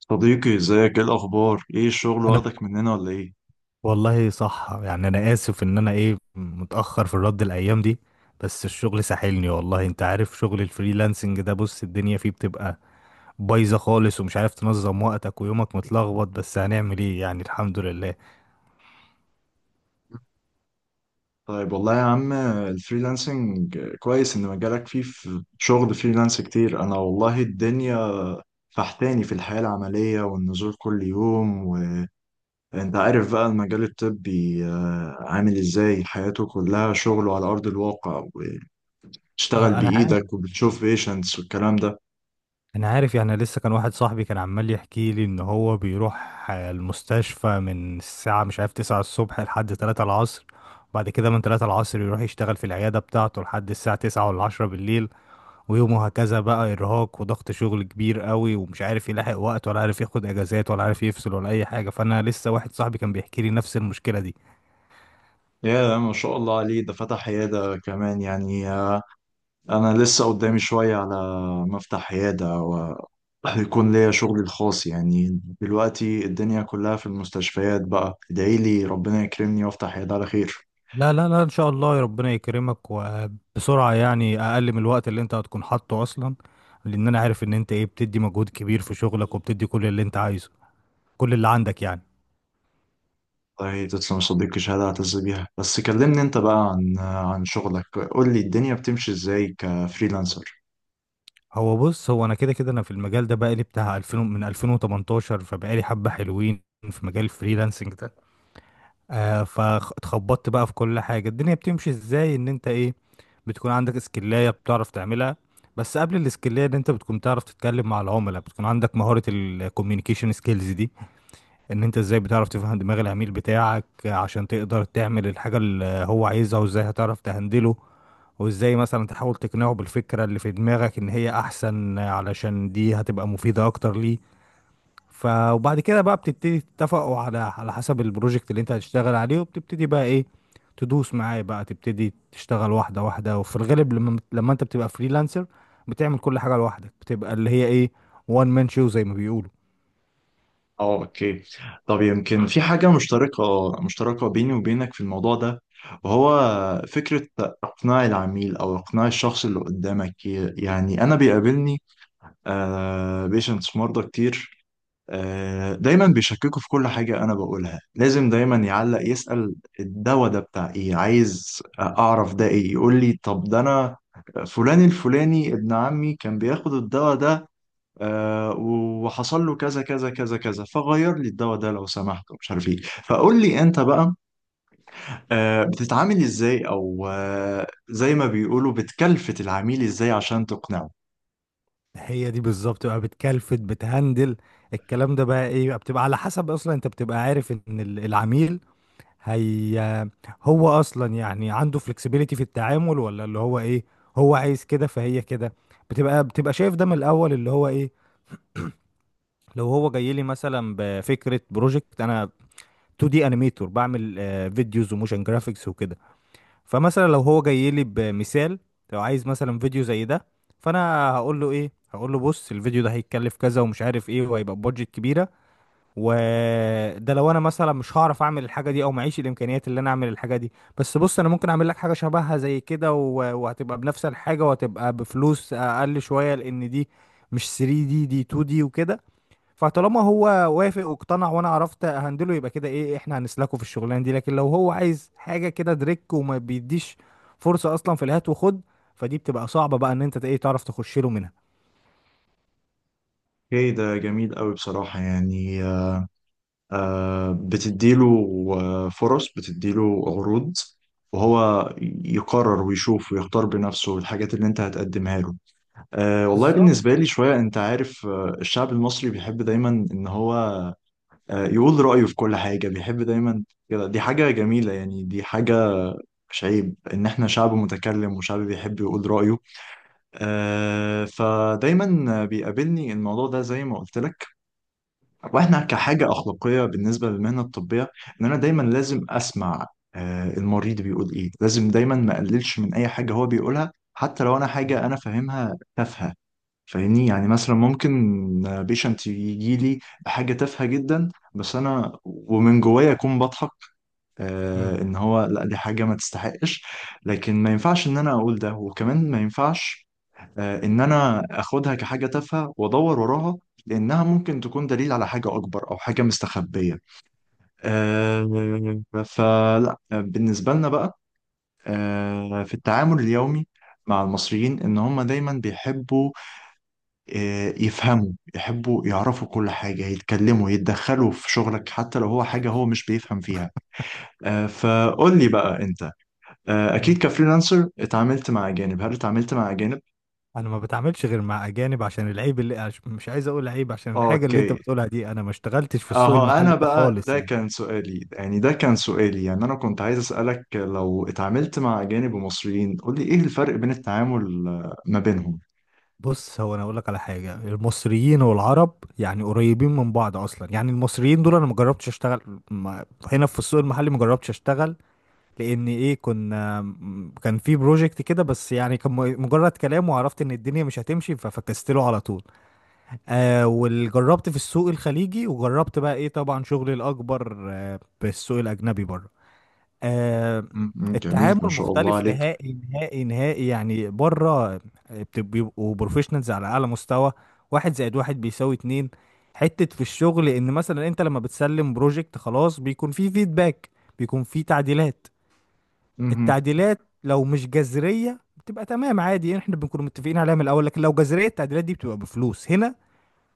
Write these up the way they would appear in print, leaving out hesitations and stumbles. صديقي، ازيك؟ ايه الاخبار؟ ايه الشغل، انا واخدك مننا ولا ايه؟ والله صح يعني انا اسف ان انا ايه متاخر في الرد الايام دي. بس الشغل ساحلني، والله انت عارف شغل الفريلانسنج ده، بص الدنيا فيه بتبقى بايظه خالص ومش عارف تنظم وقتك، ويومك متلخبط، بس هنعمل ايه يعني، الحمد لله. طيب والله يا عم، الفريلانسنج كويس ان مجالك فيه في شغل فريلانس كتير. انا والله الدنيا فحتاني في الحياة العملية والنزول كل يوم. وانت عارف بقى المجال الطبي، عامل ازاي؟ حياته كلها شغل على ارض الواقع، وتشتغل انا عارف، بايدك وبتشوف بيشنتس والكلام ده. انا عارف. يعني لسه كان واحد صاحبي كان عمال يحكي لي ان هو بيروح المستشفى من الساعه مش عارف 9 الصبح لحد 3 العصر، بعد كده من 3 العصر يروح يشتغل في العياده بتاعته لحد الساعه 9 ولا 10 بالليل، ويومه هكذا. بقى إرهاق وضغط شغل كبير قوي، ومش عارف يلاحق وقت، ولا عارف ياخد أجازات، ولا عارف يفصل ولا أي حاجة. فأنا لسه واحد صاحبي كان بيحكي لي نفس المشكلة دي. يا ما شاء الله عليه، ده فتح عيادة كمان يعني. انا لسه قدامي شوية على ما افتح عيادة ويكون ليا شغلي الخاص. يعني دلوقتي الدنيا كلها في المستشفيات، بقى ادعي لي ربنا يكرمني وافتح عيادة على خير. لا لا لا، إن شاء الله ربنا يكرمك وبسرعة، يعني أقل من الوقت اللي أنت هتكون حاطه أصلا، لأن أنا عارف إن أنت إيه بتدي مجهود كبير في شغلك وبتدي كل اللي أنت عايزه، كل اللي عندك يعني. والله تسلم يا صديقي، شهادة اعتز بيها. بس كلمني انت بقى عن شغلك، قول لي الدنيا بتمشي ازاي كفريلانسر. هو بص، هو أنا كده كده أنا في المجال ده بقالي بتاع 2000، من 2018 فبقالي حبة حلوين في مجال الفريلانسنج ده. آه، فاتخبطت بقى في كل حاجة. الدنيا بتمشي ازاي، ان انت ايه بتكون عندك اسكلاية بتعرف تعملها، بس قبل الاسكلاية ان انت بتكون تعرف تتكلم مع العملاء، بتكون عندك مهارة الكوميونيكيشن سكيلز دي، ان انت ازاي بتعرف تفهم دماغ العميل بتاعك عشان تقدر تعمل الحاجة اللي هو عايزها، وازاي هتعرف تهندله، وازاي مثلا تحاول تقنعه بالفكرة اللي في دماغك ان هي احسن، علشان دي هتبقى مفيدة اكتر ليه. وبعد كده بقى بتبتدي تتفقوا على حسب البروجكت اللي انت هتشتغل عليه، وبتبتدي بقى ايه، تدوس معاه، بقى تبتدي تشتغل واحدة واحدة. وفي الغالب لما انت بتبقى فريلانسر بتعمل كل حاجة لوحدك، بتبقى اللي هي ايه، وان مان شو زي ما بيقولوا. اه، اوكي. طب يمكن في حاجة مشتركة مشتركة بيني وبينك في الموضوع ده، وهو فكرة إقناع العميل أو إقناع الشخص اللي قدامك. يعني أنا بيقابلني بيشنتس مرضى كتير. دايما بيشككوا في كل حاجة أنا بقولها، لازم دايما يعلق يسأل الدواء ده بتاع إيه، عايز أعرف ده إيه، يقول لي طب ده أنا فلان الفلاني ابن عمي كان بياخد الدواء ده، وحصل له كذا كذا كذا كذا، فغير لي الدواء ده لو سمحت مش عارف إيه. فقول لي أنت بقى، بتتعامل إزاي؟ أو زي ما بيقولوا، بتكلفت العميل إزاي عشان تقنعه؟ هي دي بالظبط بقى، بتكلفت بتهندل. الكلام ده بقى ايه بقى، بتبقى على حسب اصلا انت بتبقى عارف ان العميل هي هو اصلا يعني عنده flexibility في التعامل، ولا اللي هو ايه، هو عايز كده فهي كده. بتبقى شايف ده من الاول، اللي هو ايه، لو هو جاي لي مثلا بفكره بروجكت، انا 2D انيميتور، بعمل فيديوز وموشن جرافيكس وكده. فمثلا لو هو جاي لي بمثال، لو عايز مثلا فيديو زي ده، فانا هقول له ايه، هقول له بص الفيديو ده هيتكلف كذا، ومش عارف ايه، وهيبقى بادجت كبيره، وده لو انا مثلا مش هعرف اعمل الحاجه دي، او معيش الامكانيات اللي انا اعمل الحاجه دي. بس بص، انا ممكن اعمل لك حاجه شبهها زي كده وهتبقى بنفس الحاجه، وهتبقى بفلوس اقل شويه، لان دي مش 3 دي، دي 2 دي وكده. فطالما هو وافق واقتنع، وانا عرفت اهندله، يبقى كده ايه، احنا هنسلكه في الشغلانه دي. لكن لو هو عايز حاجه كده دريك، وما بيديش فرصه اصلا في الهات وخد، فدي بتبقى صعبه بقى ان انت ايه تعرف تخش له منها. اوكي، ده جميل قوي بصراحة يعني. بتديله فرص، بتديله عروض، وهو يقرر ويشوف ويختار بنفسه الحاجات اللي انت هتقدمها له. أه والله، بالظبط. بالنسبة لي شوية، انت عارف الشعب المصري بيحب دايما ان هو يقول رأيه في كل حاجة، بيحب دايما كده. دي حاجة جميلة يعني، دي حاجة مش عيب، ان احنا شعب متكلم وشعب بيحب يقول رأيه. أه، فدايما بيقابلني الموضوع ده زي ما قلت لك. واحنا كحاجه اخلاقيه بالنسبه للمهنه الطبيه، ان انا دايما لازم اسمع المريض بيقول ايه، لازم دايما ما اقللش من اي حاجه هو بيقولها، حتى لو انا حاجه انا فاهمها تافهه. فاهمني؟ يعني مثلا ممكن بيشنت يجي لي بحاجه تافهه جدا، بس انا ومن جوايا اكون بضحك مم. ان هو لا، دي حاجه ما تستحقش. لكن ما ينفعش ان انا اقول ده، وكمان ما ينفعش ان انا اخدها كحاجه تافهه وادور وراها، لانها ممكن تكون دليل على حاجه اكبر او حاجه مستخبيه. فلا، بالنسبه لنا بقى في التعامل اليومي مع المصريين، ان هم دايما بيحبوا يفهموا، يحبوا يعرفوا كل حاجه، يتكلموا، يتدخلوا في شغلك حتى لو هو حاجه هو مش بيفهم فيها. فقول لي بقى انت، اكيد مم. كفريلانسر اتعاملت مع اجانب. هل اتعاملت مع اجانب؟ انا ما بتعاملش غير مع اجانب، عشان العيب اللي مش عايز اقول عيب، عشان الحاجه اللي انت اوكي، بتقولها دي، انا ما اشتغلتش في السوق اهو المحلي انا ده بقى، خالص يعني. ده كان سؤالي يعني انا كنت عايز اسالك لو اتعاملت مع اجانب ومصريين، قول لي ايه الفرق بين التعامل ما بينهم. بص، هو انا اقول لك على حاجه، المصريين والعرب يعني قريبين من بعض اصلا، يعني المصريين دول انا ما جربتش اشتغل، ما هنا في السوق المحلي ما جربتش اشتغل، لان ايه، كنا كان في بروجكت كده، بس يعني كان مجرد كلام، وعرفت ان الدنيا مش هتمشي ففكست له على طول. آه، وجربت في السوق الخليجي، وجربت بقى ايه، طبعا شغلي الاكبر آه بالسوق الاجنبي برضه. آه، م- م، جميل التعامل ما شاء الله مختلف عليك. نهائي نهائي نهائي، يعني بره بيبقوا بروفيشنالز على اعلى مستوى. واحد زائد واحد بيساوي اتنين. حتة في الشغل، ان مثلا انت لما بتسلم بروجكت خلاص، بيكون فيه فيدباك، بيكون فيه تعديلات. مهم. التعديلات لو مش جذرية بتبقى تمام عادي، يعني احنا بنكون متفقين عليها من الاول، لكن لو جذرية التعديلات دي بتبقى بفلوس. هنا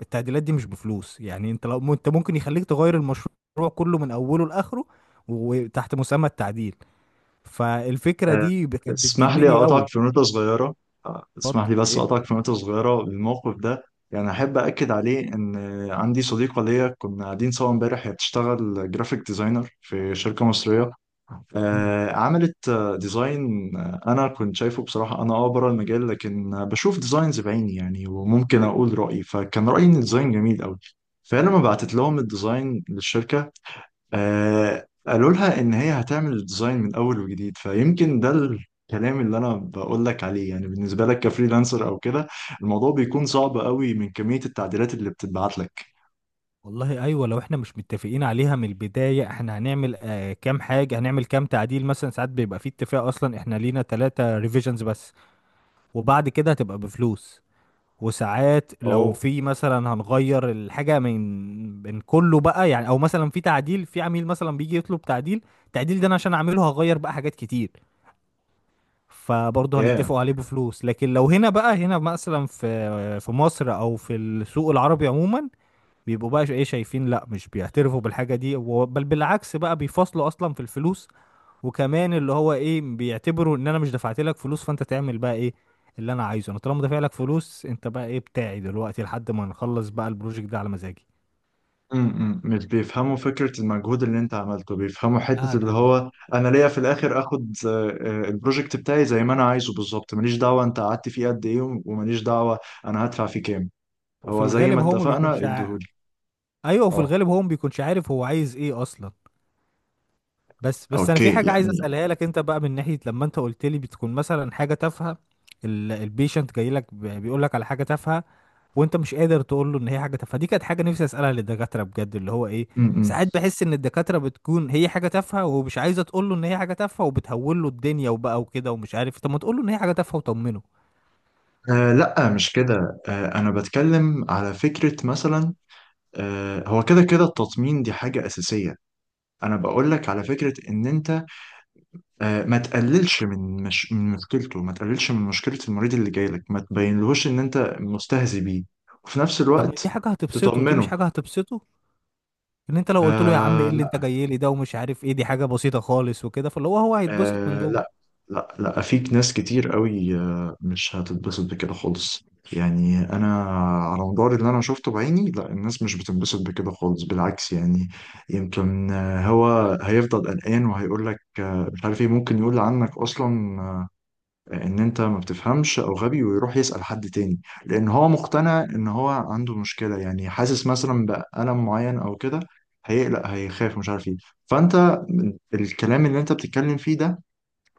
التعديلات دي مش بفلوس، يعني انت لو انت ممكن يخليك تغير المشروع كله من اوله لاخره، وتحت مسمى التعديل. فالفكرة آه، دي كانت اسمح لي بتجنني اقطعك قوي. في نقطه صغيره اتفضل اسمح لي بس ايه. اقطعك في نقطه صغيره. الموقف ده يعني احب اكد عليه، ان عندي صديقه ليا كنا قاعدين سوا امبارح، هي بتشتغل جرافيك ديزاينر في شركه مصريه. مم. عملت ديزاين، انا كنت شايفه بصراحه، انا بره المجال، لكن بشوف ديزاينز بعيني يعني، وممكن اقول رايي. فكان رايي ان الديزاين جميل قوي. فانا لما بعتت لهم الديزاين للشركه، قالوا لها ان هي هتعمل الديزاين من اول وجديد. فيمكن ده الكلام اللي انا بقول لك عليه، يعني بالنسبه لك كفريلانسر او كده الموضوع بيكون صعب قوي من كميه التعديلات اللي بتتبعت لك. والله ايوه، لو احنا مش متفقين عليها من البداية احنا هنعمل كام حاجة، هنعمل كام تعديل. مثلا ساعات بيبقى في اتفاق اصلا احنا لينا ثلاثة ريفيجنز بس، وبعد كده هتبقى بفلوس. وساعات لو اوه، في مثلا هنغير الحاجة من كله بقى يعني، او مثلا في تعديل، في عميل مثلا بيجي يطلب تعديل، التعديل ده انا عشان اعمله هغير بقى حاجات كتير، فبرضه yeah. هنتفقوا عليه بفلوس. لكن لو هنا بقى، هنا مثلا في مصر او في السوق العربي عموما بيبقوا بقى ايه، شايفين لا، مش بيعترفوا بالحاجة دي، بل بالعكس بقى بيفصلوا اصلا في الفلوس. وكمان اللي هو ايه، بيعتبروا ان انا مش دفعت لك فلوس فانت تعمل بقى ايه اللي انا عايزه انا، طالما دافع لك فلوس انت بقى ايه بتاعي دلوقتي لحد ما نخلص بقى البروجكت ده على مزاجي. مش بيفهموا فكرة المجهود اللي انت عملته، بيفهموا لا حتة لا اللي لا. هو انا ليا في الاخر اخد البروجكت بتاعي زي ما انا عايزه بالظبط. ماليش دعوة انت قعدت فيه قد ايه، وماليش دعوة انا هدفع فيه كام. وفي هو زي الغالب ما هو ما اتفقنا بيكونش اديهولي. ايوه، وفي اه، الغالب هو ما بيكونش عارف هو عايز ايه اصلا. بس انا في اوكي حاجه عايز يعني. اسالها لك انت بقى، من ناحيه لما انت قلت لي بتكون مثلا حاجه تافهه، البيشنت جاي لك بيقول لك على حاجه تافهه، وانت مش قادر تقول له ان هي حاجه تافهه، دي كانت حاجه نفسي اسالها للدكاتره بجد، اللي هو ايه، امم ساعات بحس ان الدكاتره بتكون هي حاجه تافهه، ومش عايزه تقول له ان هي حاجه تافهه، وبتهول له الدنيا وبقى وكده، ومش عارف، طب ما تقول له ان هي حاجه تافهه وطمنه. آه لا، مش كده. انا بتكلم على فكرة مثلا. هو كده كده التطمين دي حاجة اساسية. انا بقول لك على فكرة ان انت ما تقللش من مش... من مشكلته، ما تقللش من مشكلة المريض اللي جاي لك، ما تبينلهوش ان انت مستهزي بيه، وفي نفس طب ما دي الوقت حاجه هتبسطه، دي مش تطمنه. حاجه هتبسطه، ان انت لو قلت له يا عم ايه آه اللي انت لا، جاي لي ده، ومش عارف ايه، دي حاجه بسيطه خالص وكده، فاللي هو هو هيتبسط من آه لا، جوه. لا لا، في ناس كتير قوي مش هتتبسط بكده خالص. يعني انا على مدار اللي انا شفته بعيني، لا، الناس مش بتتبسط بكده خالص، بالعكس يعني. يمكن هو هيفضل قلقان وهيقول لك مش عارف ايه، ممكن يقول عنك اصلا ان انت ما بتفهمش او غبي، ويروح يسأل حد تاني. لان هو مقتنع ان هو عنده مشكلة، يعني حاسس مثلا بألم معين او كده، هيقلق هيخاف مش عارف ايه. فانت الكلام اللي انت بتتكلم فيه ده،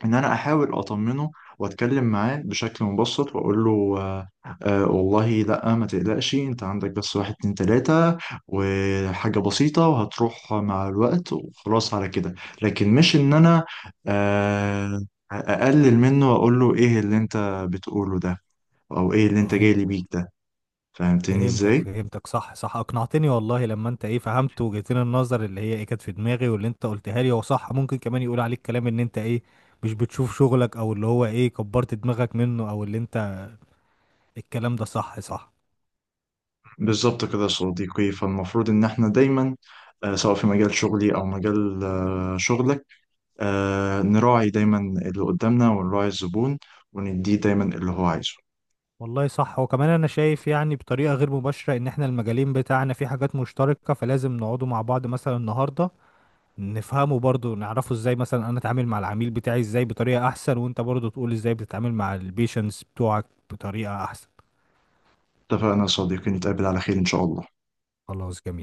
ان انا احاول اطمنه واتكلم معاه بشكل مبسط واقول له، آه والله لا ما تقلقش، انت عندك بس واحد اتنين تلاتة، وحاجة بسيطة، وهتروح مع الوقت وخلاص على كده. لكن مش ان انا آه اقلل منه واقول له ايه اللي انت بتقوله ده، او ايه اللي انت اه، جاي لي بيك ده. فهمتني فهمتك ازاي؟ فهمتك. صح صح، اقنعتني والله. لما انت ايه، فهمت وجهتين النظر اللي هي ايه كانت في دماغي، واللي انت قلتها لي هو صح، ممكن كمان يقول عليك كلام ان انت ايه مش بتشوف شغلك، او اللي هو ايه كبرت دماغك منه، او اللي انت، الكلام ده صح صح. بالظبط كده يا صديقي، فالمفروض ان احنا دايما، سواء في مجال شغلي او مجال شغلك، نراعي دايما اللي قدامنا ونراعي الزبون، ونديه دايما اللي هو عايزه. والله صح، وكمان انا شايف يعني بطريقة غير مباشرة ان احنا المجالين بتاعنا في حاجات مشتركة، فلازم نقعدوا مع بعض مثلا النهاردة، نفهمه برضو، نعرفه ازاي مثلا انا اتعامل مع العميل بتاعي ازاي بطريقة احسن، وانت برضو تقول ازاي بتتعامل مع البيشنس بتوعك بطريقة احسن. اتفقنا يا صديقي، نتقابل على خير إن شاء الله. خلاص جميل.